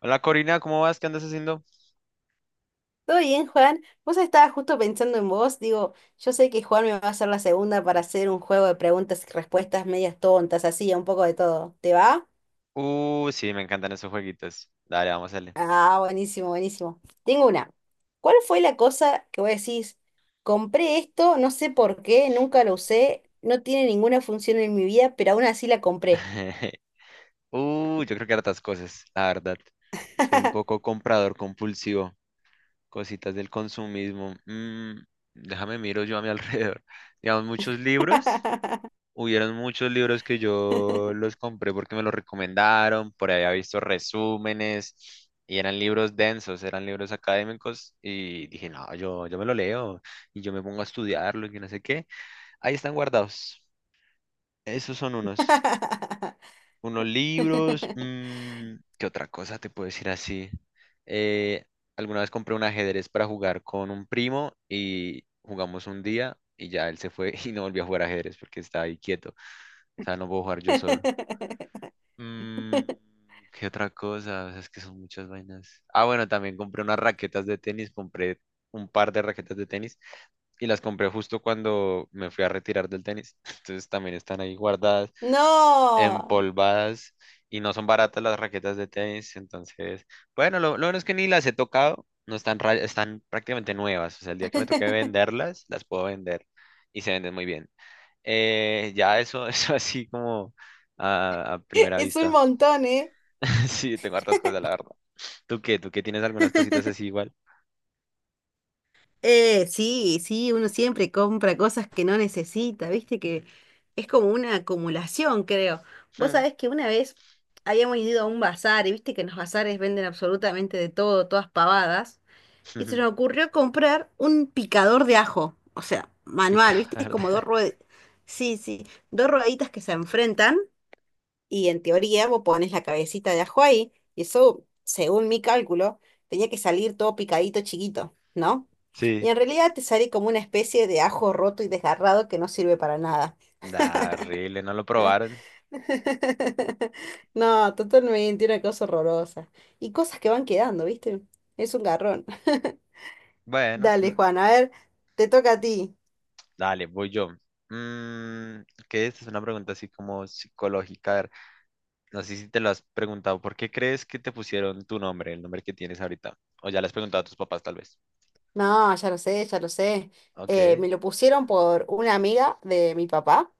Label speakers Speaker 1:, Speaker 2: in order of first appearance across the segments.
Speaker 1: Hola Corina, ¿cómo vas? ¿Qué andas haciendo?
Speaker 2: Todo bien, Juan. Vos estaba justo pensando en vos. Digo, yo sé que Juan me va a hacer la segunda para hacer un juego de preguntas y respuestas medias tontas, así, un poco de todo. ¿Te va?
Speaker 1: Sí, me encantan esos jueguitos. Dale, vamos a darle.
Speaker 2: Ah, buenísimo, buenísimo. Tengo una. ¿Cuál fue la cosa que vos decís? Compré esto, no sé por qué, nunca lo usé, no tiene ninguna función en mi vida, pero aún así la compré.
Speaker 1: Yo creo que hartas cosas, la verdad. Soy un poco comprador compulsivo. Cositas del consumismo. Déjame miro yo a mi alrededor. Digamos, muchos libros. Hubieron muchos libros que yo los compré porque me los recomendaron. Por ahí había visto resúmenes. Y eran libros densos, eran libros académicos. Y dije, no, yo me lo leo. Y yo me pongo a estudiarlo y que no sé qué. Ahí están guardados. Esos son unos. Unos libros. ¿Qué otra cosa te puedo decir así? Eh, alguna vez compré un ajedrez para jugar con un primo y jugamos un día y ya él se fue y no volvió a jugar ajedrez porque estaba ahí quieto. O sea, no puedo jugar yo solo. Mm, ¿Qué otra cosa? O sea, es que son muchas vainas. Ah, bueno, también compré unas raquetas de tenis. Compré un par de raquetas de tenis y las compré justo cuando me fui a retirar del tenis. Entonces también están ahí guardadas.
Speaker 2: No,
Speaker 1: Empolvadas y no son baratas las raquetas de tenis. Entonces, bueno, lo bueno es que ni las he tocado, no están, están prácticamente nuevas. O sea, el día que me toque venderlas, las puedo vender y se venden muy bien. Ya eso, eso así como a primera
Speaker 2: es un
Speaker 1: vista.
Speaker 2: montón, ¿eh?
Speaker 1: Sí, tengo hartas cosas, la verdad. ¿Tú qué? ¿Tú qué tienes algunas cositas así igual?
Speaker 2: Sí, sí, uno siempre compra cosas que no necesita, viste que es como una acumulación, creo. Vos
Speaker 1: Mm.
Speaker 2: sabés que una vez habíamos ido a un bazar y viste que en los bazares venden absolutamente de todo, todas pavadas, y se nos ocurrió comprar un picador de ajo, o sea, manual,
Speaker 1: Pica,
Speaker 2: viste, es
Speaker 1: ¿verdad?
Speaker 2: como dos ruedas, sí, sí, dos rueditas que se enfrentan y en teoría vos pones la cabecita de ajo ahí, y eso, según mi cálculo, tenía que salir todo picadito chiquito, ¿no? Y
Speaker 1: Sí.
Speaker 2: en realidad te sale como una especie de ajo roto y desgarrado que no sirve para nada.
Speaker 1: Da, horrible, no lo probaron.
Speaker 2: No, totalmente, una cosa horrorosa. Y cosas que van quedando, ¿viste? Es un garrón.
Speaker 1: Bueno,
Speaker 2: Dale, Juan, a ver, te toca a ti.
Speaker 1: dale, voy yo. Mm, ¿Qué es? Es una pregunta así como psicológica. A ver, no sé si te lo has preguntado. ¿Por qué crees que te pusieron tu nombre, el nombre que tienes ahorita? O ya le has preguntado a tus papás, tal vez.
Speaker 2: No, ya lo sé, ya lo sé.
Speaker 1: Ok.
Speaker 2: Me lo pusieron por una amiga de mi papá.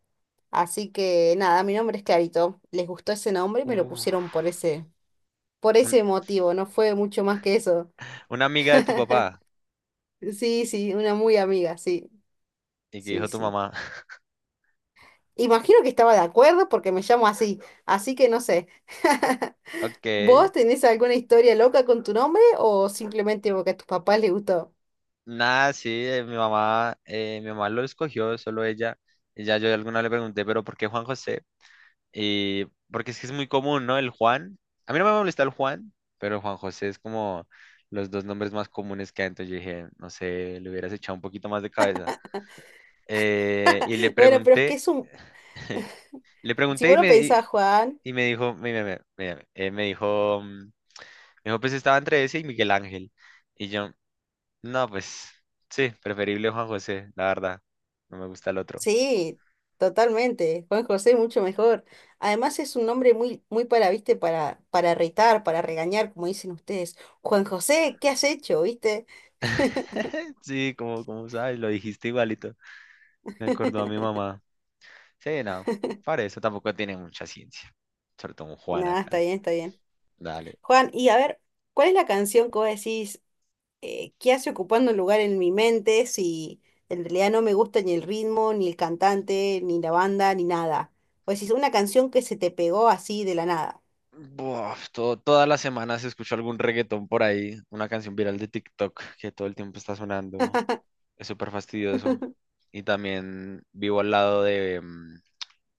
Speaker 2: Así que nada, mi nombre es Clarito. Les gustó ese nombre y me lo
Speaker 1: Uf.
Speaker 2: pusieron por ese, por
Speaker 1: Un-
Speaker 2: ese motivo. No fue mucho más que eso.
Speaker 1: una amiga de tu papá
Speaker 2: Sí, sí, una muy amiga, sí,
Speaker 1: y que
Speaker 2: sí,
Speaker 1: dijo tu
Speaker 2: sí.
Speaker 1: mamá.
Speaker 2: Imagino que estaba de acuerdo porque me llamo así, así que no sé.
Speaker 1: Ok.
Speaker 2: ¿Vos tenés alguna historia loca con tu nombre o simplemente porque a tus papás les gustó?
Speaker 1: Nada, sí, mi mamá lo escogió, solo ella. Y ya yo alguna le pregunté, pero ¿por qué Juan José? Y porque es que es muy común, ¿no? El Juan. A mí no me molesta el Juan, pero el Juan José es como los dos nombres más comunes que hay. Entonces yo dije, no sé, le hubieras echado un poquito más de cabeza. Y le
Speaker 2: Bueno, pero es que
Speaker 1: pregunté,
Speaker 2: es un...
Speaker 1: le
Speaker 2: Si
Speaker 1: pregunté
Speaker 2: vos lo pensás, Juan.
Speaker 1: y me dijo, me- me- me dijo, mm, me dijo, pues estaba entre ese y Miguel Ángel. Y yo, no, pues sí, preferible Juan José, la verdad. No me gusta el otro.
Speaker 2: Sí, totalmente. Juan José mucho mejor. Además es un nombre muy, muy viste, para retar, para regañar, como dicen ustedes. Juan José, ¿qué has hecho? ¿Viste?
Speaker 1: Sí, como sabes, lo dijiste igualito. Me acordó a mi mamá. Sí, no. Para eso tampoco tiene mucha ciencia. Sobre todo un Juan
Speaker 2: Nada, está
Speaker 1: acá.
Speaker 2: bien, está bien.
Speaker 1: Dale.
Speaker 2: Juan, y a ver, ¿cuál es la canción que vos decís que hace ocupando un lugar en mi mente si en realidad no me gusta ni el ritmo, ni el cantante, ni la banda, ni nada? O decís, una canción que se te pegó así de la nada.
Speaker 1: Buah, todas las semanas escucho algún reggaetón por ahí, una canción viral de TikTok que todo el tiempo está sonando. Es súper fastidioso. Y también vivo al lado de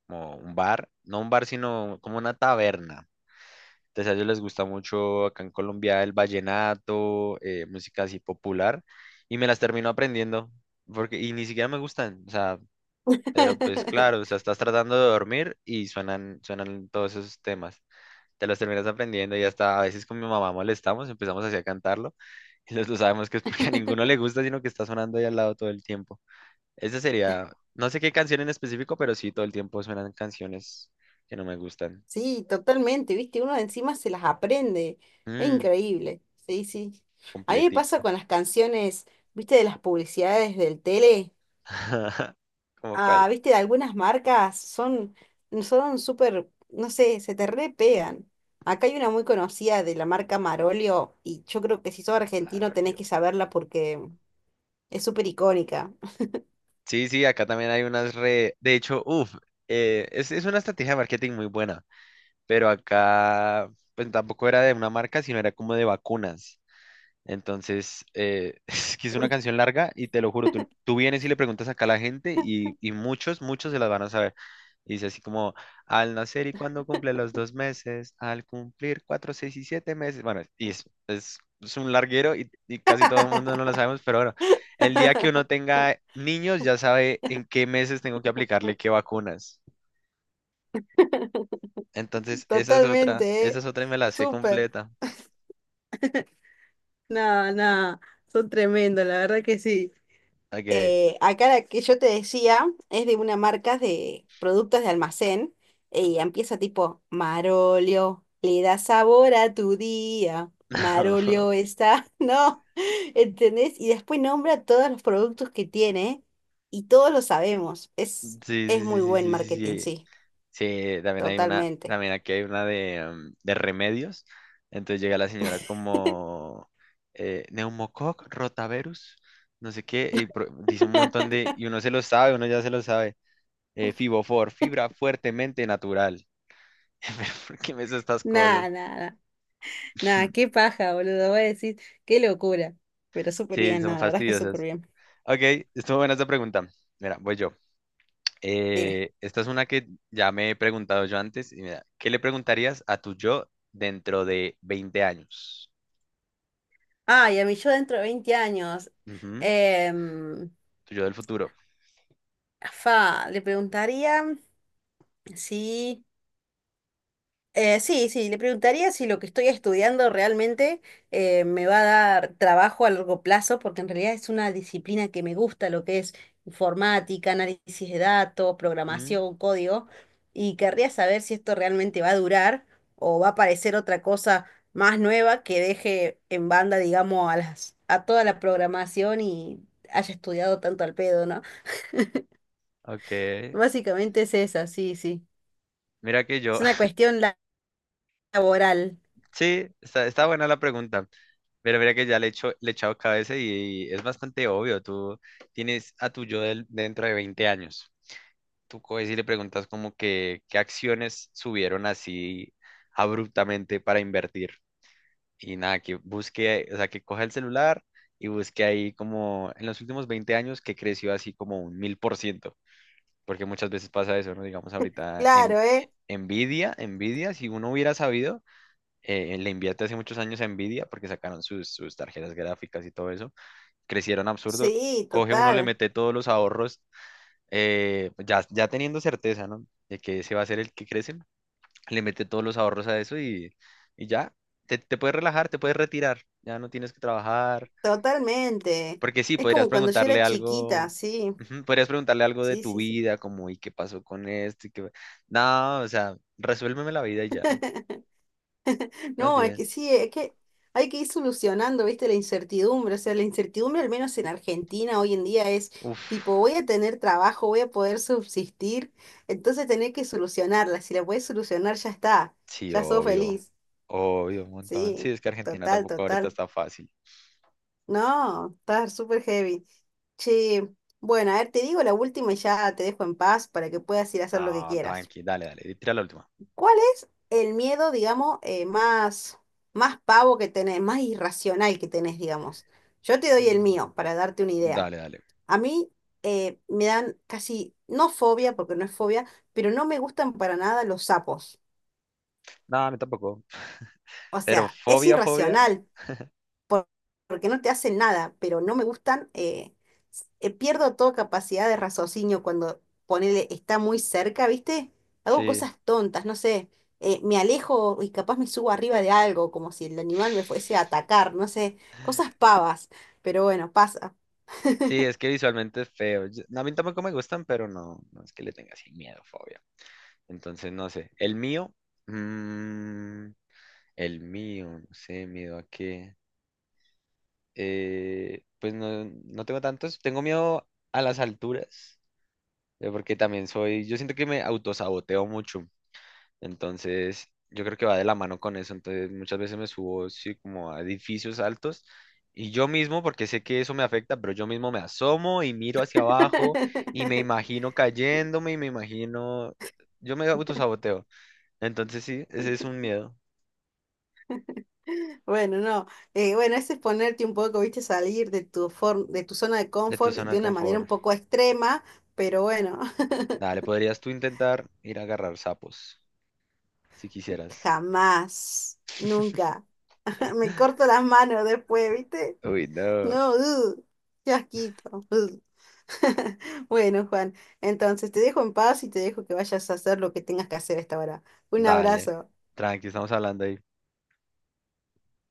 Speaker 1: como un bar, no un bar, sino como una taberna. Entonces a ellos les gusta mucho acá en Colombia el vallenato, música así popular, y me las termino aprendiendo, porque, y ni siquiera me gustan. O sea, pero pues claro, o sea, estás tratando de dormir y suenan todos esos temas. Te los terminas aprendiendo y hasta a veces con mi mamá molestamos, empezamos así a cantarlo y los dos sabemos que es porque a ninguno le gusta, sino que está sonando ahí al lado todo el tiempo. Esa sería, no sé qué canción en específico, pero sí todo el tiempo suenan canciones que no me gustan.
Speaker 2: Sí, totalmente, viste, uno encima se las aprende, es
Speaker 1: Mm,
Speaker 2: increíble, sí, sí. A mí me pasa
Speaker 1: completica.
Speaker 2: con las canciones, viste, de las publicidades del tele,
Speaker 1: ¿Cómo
Speaker 2: ah,
Speaker 1: cuál?
Speaker 2: viste, de algunas marcas son súper, no sé, se te re pegan. Acá hay una muy conocida de la marca Marolio y yo creo que si sos argentino tenés
Speaker 1: Farolio.
Speaker 2: que saberla porque es súper icónica.
Speaker 1: Sí, sí, acá también hay unas re... De hecho, uff, es una estrategia de marketing muy buena, pero acá pues, tampoco era de una marca, sino era como de vacunas. Entonces, es que es una canción larga y te lo juro, tú vienes y le preguntas acá a la gente y muchos se las van a saber. Y dice así como, al nacer y cuando cumple los 2 meses, al cumplir cuatro, seis y siete meses. Bueno, y es un larguero y casi todo el mundo no lo sabemos, pero bueno, el día que uno tenga niños ya sabe en qué meses tengo que aplicarle qué vacunas. Entonces,
Speaker 2: Totalmente,
Speaker 1: esa
Speaker 2: ¿eh?
Speaker 1: es otra y me la sé
Speaker 2: Súper.
Speaker 1: completa.
Speaker 2: Nada, nada, son tremendos, la verdad que sí.
Speaker 1: Ok.
Speaker 2: Acá la que yo te decía es de una marca de productos de almacén y empieza tipo, Marolio, le da sabor a tu día, Marolio está, no, ¿entendés? Y después nombra todos los productos que tiene y todos lo sabemos.
Speaker 1: Sí,
Speaker 2: Es
Speaker 1: sí, sí,
Speaker 2: muy
Speaker 1: sí,
Speaker 2: buen
Speaker 1: sí, sí,
Speaker 2: marketing,
Speaker 1: sí.
Speaker 2: sí,
Speaker 1: Sí, también hay una,
Speaker 2: totalmente.
Speaker 1: también aquí hay una de, de remedios. Entonces llega la señora como neumococ, rotavirus, no sé qué, y dice un montón de, y uno se lo sabe, uno ya se lo sabe. Fibofor, fibra fuertemente natural. Pero, ¿por qué me haces estas
Speaker 2: Nada,
Speaker 1: cosas?
Speaker 2: nada, Nada, qué paja, boludo. Voy a decir, qué locura. Pero súper
Speaker 1: Sí,
Speaker 2: bien,
Speaker 1: son
Speaker 2: nada, la verdad es que súper
Speaker 1: fastidiosas.
Speaker 2: bien.
Speaker 1: Ok, estuvo buena esta pregunta. Mira, voy yo.
Speaker 2: Dime.
Speaker 1: Esta es una que ya me he preguntado yo antes. Y mira, ¿qué le preguntarías a tu yo dentro de 20 años?
Speaker 2: Ay, a mí yo dentro de 20 años.
Speaker 1: Ujú,
Speaker 2: em,
Speaker 1: tu yo del futuro.
Speaker 2: Le preguntaría si sí, sí, le preguntaría si lo que estoy estudiando realmente me va a dar trabajo a largo plazo, porque en realidad es una disciplina que me gusta, lo que es informática, análisis de datos,
Speaker 1: Mm,
Speaker 2: programación, código, y querría saber si esto realmente va a durar o va a aparecer otra cosa más nueva que deje en banda, digamos, a toda la programación y haya estudiado tanto al pedo, ¿no?
Speaker 1: ok.
Speaker 2: Básicamente es esa, sí, sí.
Speaker 1: Mira que
Speaker 2: Es
Speaker 1: yo.
Speaker 2: una cuestión laboral.
Speaker 1: Sí, está, está buena la pregunta. Pero mira que ya le he hecho, le he echado cabeza y, es bastante obvio. Tú tienes a tu yo dentro de 20 años. Tú coges y le preguntas como que qué acciones subieron así abruptamente para invertir. Y nada, que busque, o sea, que coja el celular y busque ahí como en los últimos 20 años que creció así como un 1000%, porque muchas veces pasa eso, ¿no? Digamos ahorita en
Speaker 2: Claro, ¿eh?
Speaker 1: Nvidia, si uno hubiera sabido, le invierte hace muchos años a Nvidia porque sacaron sus tarjetas gráficas y todo eso, crecieron absurdo,
Speaker 2: Sí,
Speaker 1: coge uno, le
Speaker 2: total,
Speaker 1: mete todos los ahorros, ya teniendo certeza, ¿no? De que ese va a ser el que crece, le mete todos los ahorros a eso y ya, te puedes relajar, te puedes retirar, ya no tienes que trabajar,
Speaker 2: totalmente.
Speaker 1: porque sí,
Speaker 2: Es
Speaker 1: podrías
Speaker 2: como cuando yo
Speaker 1: preguntarle
Speaker 2: era chiquita,
Speaker 1: algo,
Speaker 2: sí,
Speaker 1: ujú, podrías preguntarle algo de
Speaker 2: sí,
Speaker 1: tu
Speaker 2: sí, sí.
Speaker 1: vida, como, ¿y qué pasó con esto? ¿Y qué... No, o sea, resuélveme la vida y ya, más
Speaker 2: No, es que
Speaker 1: bien.
Speaker 2: sí, es que hay que ir solucionando, viste, la incertidumbre. O sea, la incertidumbre, al menos en Argentina hoy en día, es
Speaker 1: Uf,
Speaker 2: tipo, voy a tener trabajo, voy a poder subsistir, entonces tener que solucionarla. Si la puedes solucionar, ya está,
Speaker 1: sí,
Speaker 2: ya sos
Speaker 1: obvio,
Speaker 2: feliz.
Speaker 1: obvio, un montón. Sí,
Speaker 2: Sí,
Speaker 1: es que Argentina
Speaker 2: total,
Speaker 1: tampoco ahorita
Speaker 2: total.
Speaker 1: está fácil.
Speaker 2: No, está súper heavy. Che, bueno, a ver, te digo la última y ya te dejo en paz para que puedas ir a hacer lo que
Speaker 1: No,
Speaker 2: quieras.
Speaker 1: tranqui, dale, dale, y tira la última.
Speaker 2: ¿Cuál es el miedo, digamos, más, más pavo que tenés, más irracional que tenés, digamos? Yo te doy el
Speaker 1: Mm.
Speaker 2: mío para darte una idea.
Speaker 1: Dale, dale.
Speaker 2: A mí me dan casi, no fobia, porque no es fobia, pero no me gustan para nada los sapos.
Speaker 1: No, a mí tampoco.
Speaker 2: O
Speaker 1: Pero
Speaker 2: sea, es
Speaker 1: fobia, fobia,
Speaker 2: irracional, por- porque no te hacen nada, pero no me gustan, pierdo toda capacidad de raciocinio cuando ponele está muy cerca, ¿viste? Hago
Speaker 1: sí.
Speaker 2: cosas tontas, no sé, me alejo y capaz me subo arriba de algo, como si el animal me fuese a atacar, no sé, cosas pavas, pero bueno, pasa.
Speaker 1: Sí, es que visualmente es feo. No, a mí tampoco me gustan, pero no, no es que le tenga así miedo, fobia. Entonces, no sé. El mío, mm, el mío, no sé, miedo a qué. Pues no, no tengo tantos. Tengo miedo a las alturas, porque también soy, yo siento que me autosaboteo mucho. Entonces, yo creo que va de la mano con eso. Entonces, muchas veces me subo, sí, como a edificios altos y yo mismo, porque sé que eso me afecta, pero yo mismo me asomo y miro hacia abajo y me imagino cayéndome y me imagino, yo me autosaboteo. Entonces, sí, ese es un miedo
Speaker 2: Bueno, no. Bueno, ese es ponerte un poco, viste, salir de tu de tu zona de
Speaker 1: de tu
Speaker 2: confort
Speaker 1: zona de
Speaker 2: de una manera un
Speaker 1: confort.
Speaker 2: poco extrema, pero bueno,
Speaker 1: Dale, podrías tú intentar ir a agarrar sapos, si quisieras.
Speaker 2: jamás, nunca. Me corto las manos después, ¿viste?
Speaker 1: Uy, no.
Speaker 2: No, qué asquito. Bueno, Juan, entonces te dejo en paz y te dejo que vayas a hacer lo que tengas que hacer a esta hora. Un
Speaker 1: Dale,
Speaker 2: abrazo.
Speaker 1: tranqui, estamos hablando ahí.